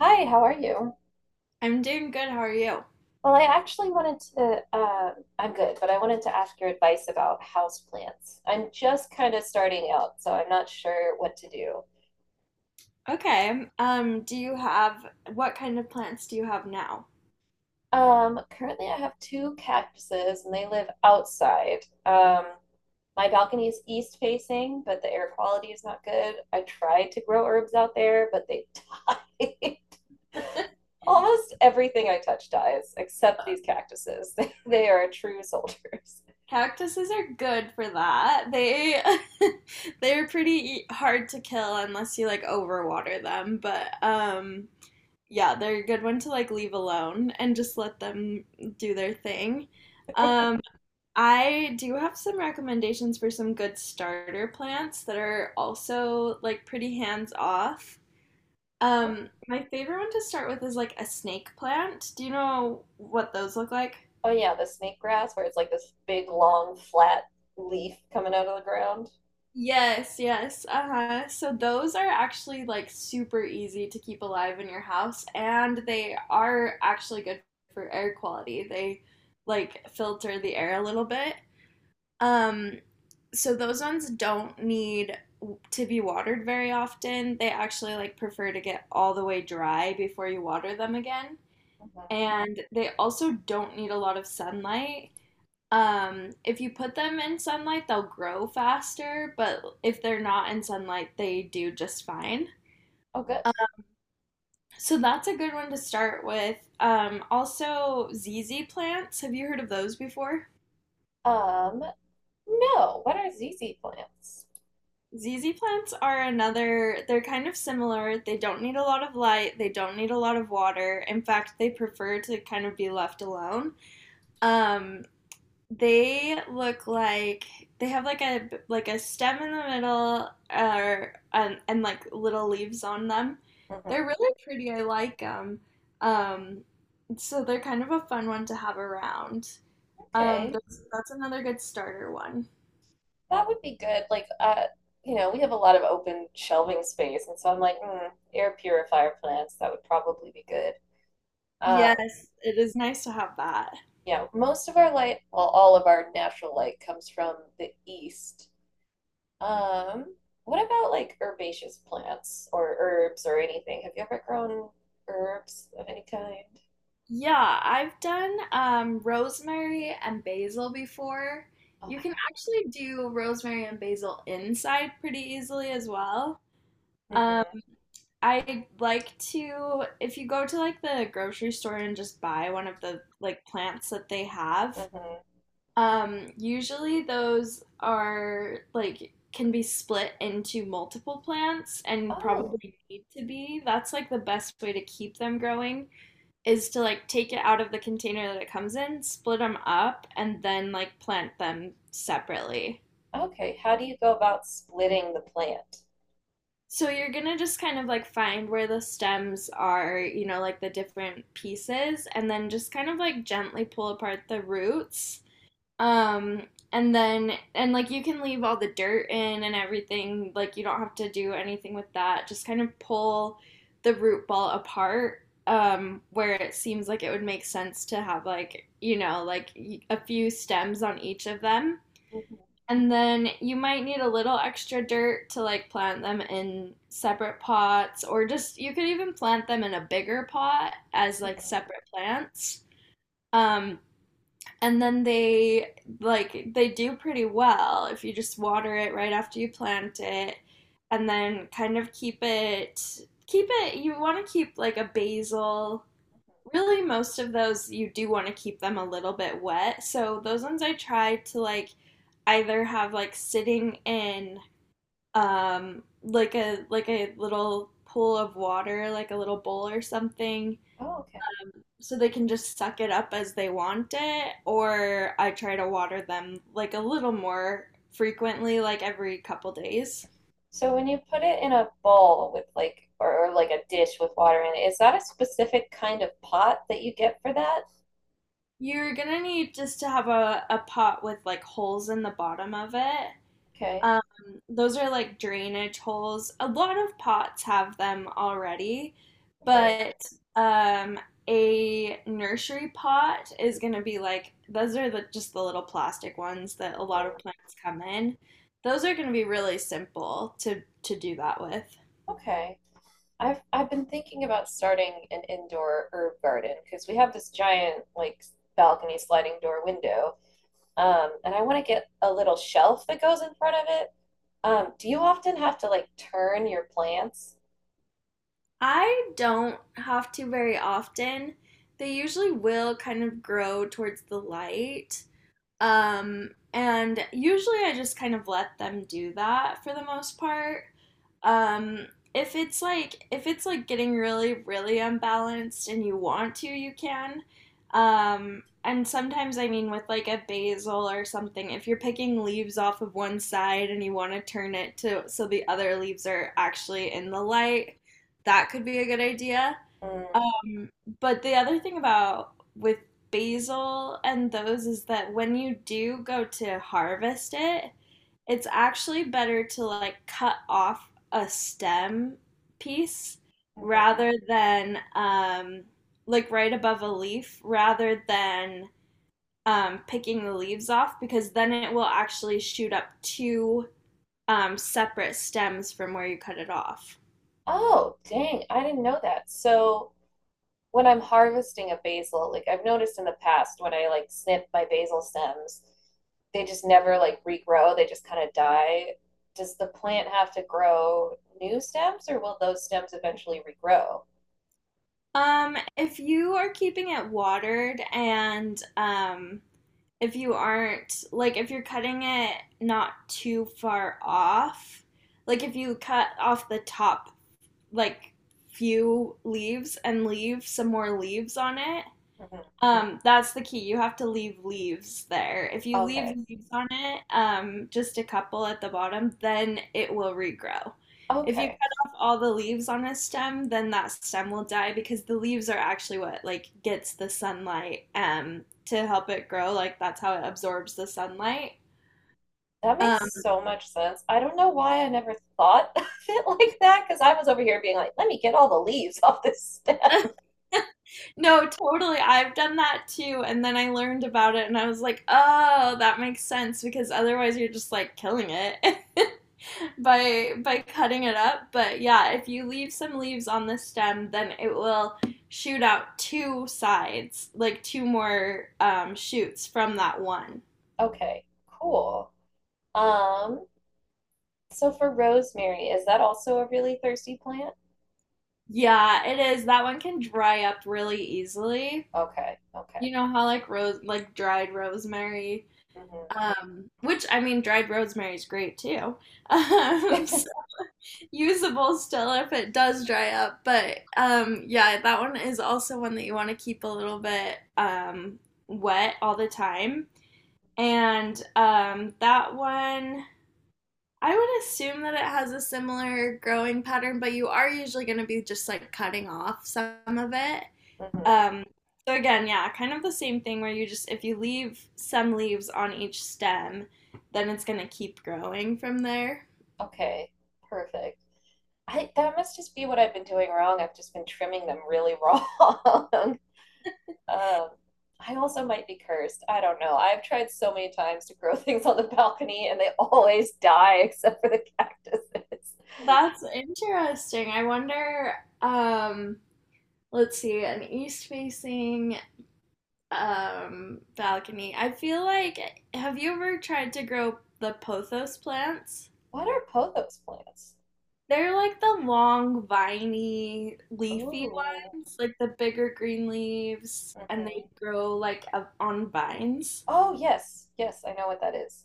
Hi, how are you? I'm doing good. How are you? Well, I actually wanted to, I'm good, but I wanted to ask your advice about houseplants. I'm just kind of starting out, so I'm not sure what to do. Okay. Do you have what kind of plants do you have now? Currently, I have two cactuses and they live outside. Um, my balcony is east facing, but the air quality is not good. I tried to grow herbs out there, but they died. Almost everything I touch dies, except these cactuses. They are true soldiers. Cactuses are good for that. They they're hard to kill unless you like overwater them, but yeah, they're a good one to like leave alone and just let them do their thing. Um I do have some recommendations for some good starter plants that are also like pretty hands off. My favorite one to start with is like a snake plant. Do you know what those look like? Oh yeah, the snake grass where it's like this big long flat leaf coming out of the ground. Yes, yes. Uh-huh. So those are actually like super easy to keep alive in your house and they are actually good for air quality. They like filter the air a little bit. Um, so those ones don't need to be watered very often. They actually like prefer to get all the way dry before you water them again. Mhm. And they also don't need a lot of sunlight. If you put them in sunlight, they'll grow faster, but if they're not in sunlight, they do just fine. Oh good. So that's a good one to start with. Also, ZZ plants. Have you heard of those before? Um, no. What are ZZ plants? ZZ plants are another, they're kind of similar. They don't need a lot of light, they don't need a lot of water. In fact, they prefer to kind of be left alone. Um, They look like they have like a stem in the middle, and like little leaves on them. They're Mhm. really pretty. I like them. Um, so they're kind of a fun one to have around. Okay, That's another good starter one. that would be good. Like, you know, we have a lot of open shelving space, and so I'm like, mm, air purifier plants. That would probably be good. Um, Yes, it is nice to have that. yeah, most of our light, well, all of our natural light comes from the east. Um, what about like herbaceous plants or herbs or anything? Have you ever grown herbs of any kind? Yeah, I've done rosemary and basil before. Oh You my can God. actually do rosemary and basil inside pretty easily as well. Um, Mm-hmm. I like to, if you go to like the grocery store and just buy one of the like plants that they have. Mm-hmm. Usually those are like can be split into multiple plants and Oh, probably need to be. That's like the best way to keep them growing is to like take it out of the container that it comes in, split them up, and then like plant them separately. okay. How do you go about splitting the plant? So you're gonna just kind of like find where the stems are, you know, like the different pieces, and then just kind of like gently pull apart the roots. Um, and then, and like you can leave all the dirt in and everything, like you don't have to do anything with that. Just kind of pull the root ball apart, where it seems like it would make sense to have, like, you know, like a few stems on each of them. Mm-hmm. And then you might need a little extra dirt to like plant them in separate pots, or just you could even plant them in a bigger pot as like Mm-hmm. separate plants. Um, and then they like they do pretty well if you just water it right after you plant it, and then kind of keep it. You want to keep like a basil. Mm-hmm. Really, most of those you do want to keep them a little bit wet. So those ones I try to like either have like sitting in like a little pool of water, like a little bowl or something, Oh, okay. so they can just suck it up as they want it, or I try to water them like a little more frequently, like every couple days. So when you put it in a bowl with like or like a dish with water in it, is that a specific kind of pot that you get for that? You're gonna need just to have a pot with like holes in the bottom of it. Okay. Um, those are like drainage holes. A lot of pots have them already, Okay. but um, a nursery pot is going to be like those are the just the little plastic ones that a lot Mm-hmm. of plants come in. Those are going to be really simple to do that with. Okay. I've been thinking about starting an indoor herb garden because we have this giant like balcony sliding door window, and I want to get a little shelf that goes in front of it. Do you often have to like turn your plants? I don't have to very often. They usually will kind of grow towards the light. And usually I just kind of let them do that for the most part. Um, if it's like if it's like getting really really unbalanced and you want to, you can. And sometimes I mean with like a basil or something, if you're picking leaves off of one side and you want to turn it to so the other leaves are actually in the light, that could be a good idea. Mm. Um, but the other thing about with basil and those is that when you do go to harvest it, it's actually better to like cut off a stem piece Mhm. rather than like right above a leaf rather than picking the leaves off because then it will actually shoot up two separate stems from where you cut it off. Oh, dang, I didn't know that. So when I'm harvesting a basil, like I've noticed in the past when I like snip my basil stems, they just never like regrow, they just kind of die. Does the plant have to grow new stems or will those stems eventually regrow? If you are keeping it watered and if you aren't like if you're cutting it not too far off, like if you cut off the top like few leaves and leave some more leaves on it, Mm-hmm. That's the key. You have to leave leaves there. If you leave Okay. leaves on it, just a couple at the bottom, then it will regrow. If you Okay. cut off all the leaves on a stem, then that stem will die because the leaves are actually what like gets the sunlight to help it grow. Like that's how it absorbs the sunlight. That makes Um, so much sense. I don't know why I never thought of it like that because I was over here being like, let me get all the leaves off this stem. no, totally. I've done that too, and then I learned about it and I was like, "Oh, that makes sense because otherwise you're just like killing it." By cutting it up. But yeah, if you leave some leaves on the stem, then it will shoot out two sides, like two more shoots from that one. Okay, cool. Um, so for rosemary, is that also a really thirsty plant? Yeah, it is. That one can dry up really easily. Okay, okay. You know how like rose like dried rosemary, Hmm. Which I mean dried rosemary is great too. Um, Usable still if it does dry up. But yeah, that one is also one that you want to keep a little bit wet all the time. And um, that one, I would assume that it has a similar growing pattern, but you are usually going to be just like cutting off some of it. Hmm. Um, so again, yeah, kind of the same thing where you just if you leave some leaves on each stem, then it's going to keep growing from there. Okay, perfect. I that must just be what I've been doing wrong. I've just been trimming them really wrong. um, I also might be cursed. I don't know. I've tried so many times to grow things on the balcony and they always die except for the cactuses. That's interesting. I wonder, um, let's see, an east facing balcony. I feel like have you ever tried to grow the pothos plants? What are pothos plants? They're like the long, viney, leafy Oh. ones, like the bigger green leaves, and they Mhm. grow like up on vines. Oh, yes. Yes, I know what that is.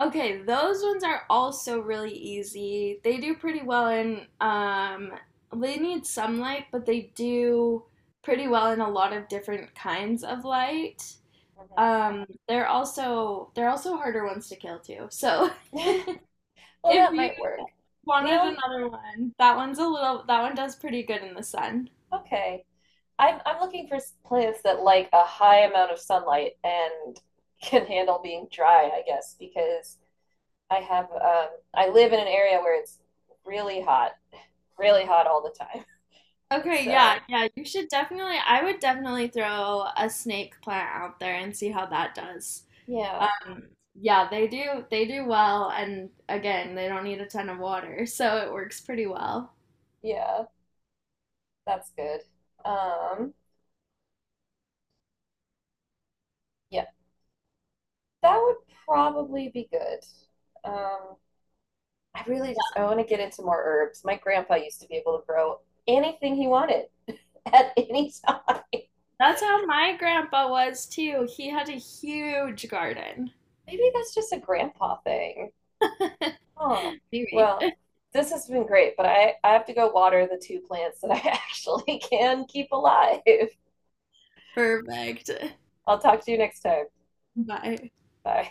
Okay, those ones are also really easy. They do pretty well in they need some light, but they do pretty well in a lot of different kinds of light. They're also harder ones to kill too. So Mhm. Well, if that you might work. The wanted only, another one, that one's a little that one does pretty good in the sun. okay. I'm looking for plants that like a high amount of sunlight and can handle being dry, I guess, because I have I live in an area where it's really hot, really hot all the time. Okay, So, yeah, yeah, you should definitely I would definitely throw a snake plant out there and see how that does. yeah. Um, yeah, they do well and again, they don't need a ton of water, so it works pretty well. Yeah, that's good. Um, yeah. That would probably be good. Um, I really just I Yeah. want to get into more herbs. My grandpa used to be able to grow anything he wanted at any time. That's how my grandpa was too. He had a huge garden. Maybe that's just a grandpa thing. Oh, Maybe. well, this has been great, but I have to go water the two plants that I actually can keep alive. Perfect. I'll talk to you next time. Bye. Bye.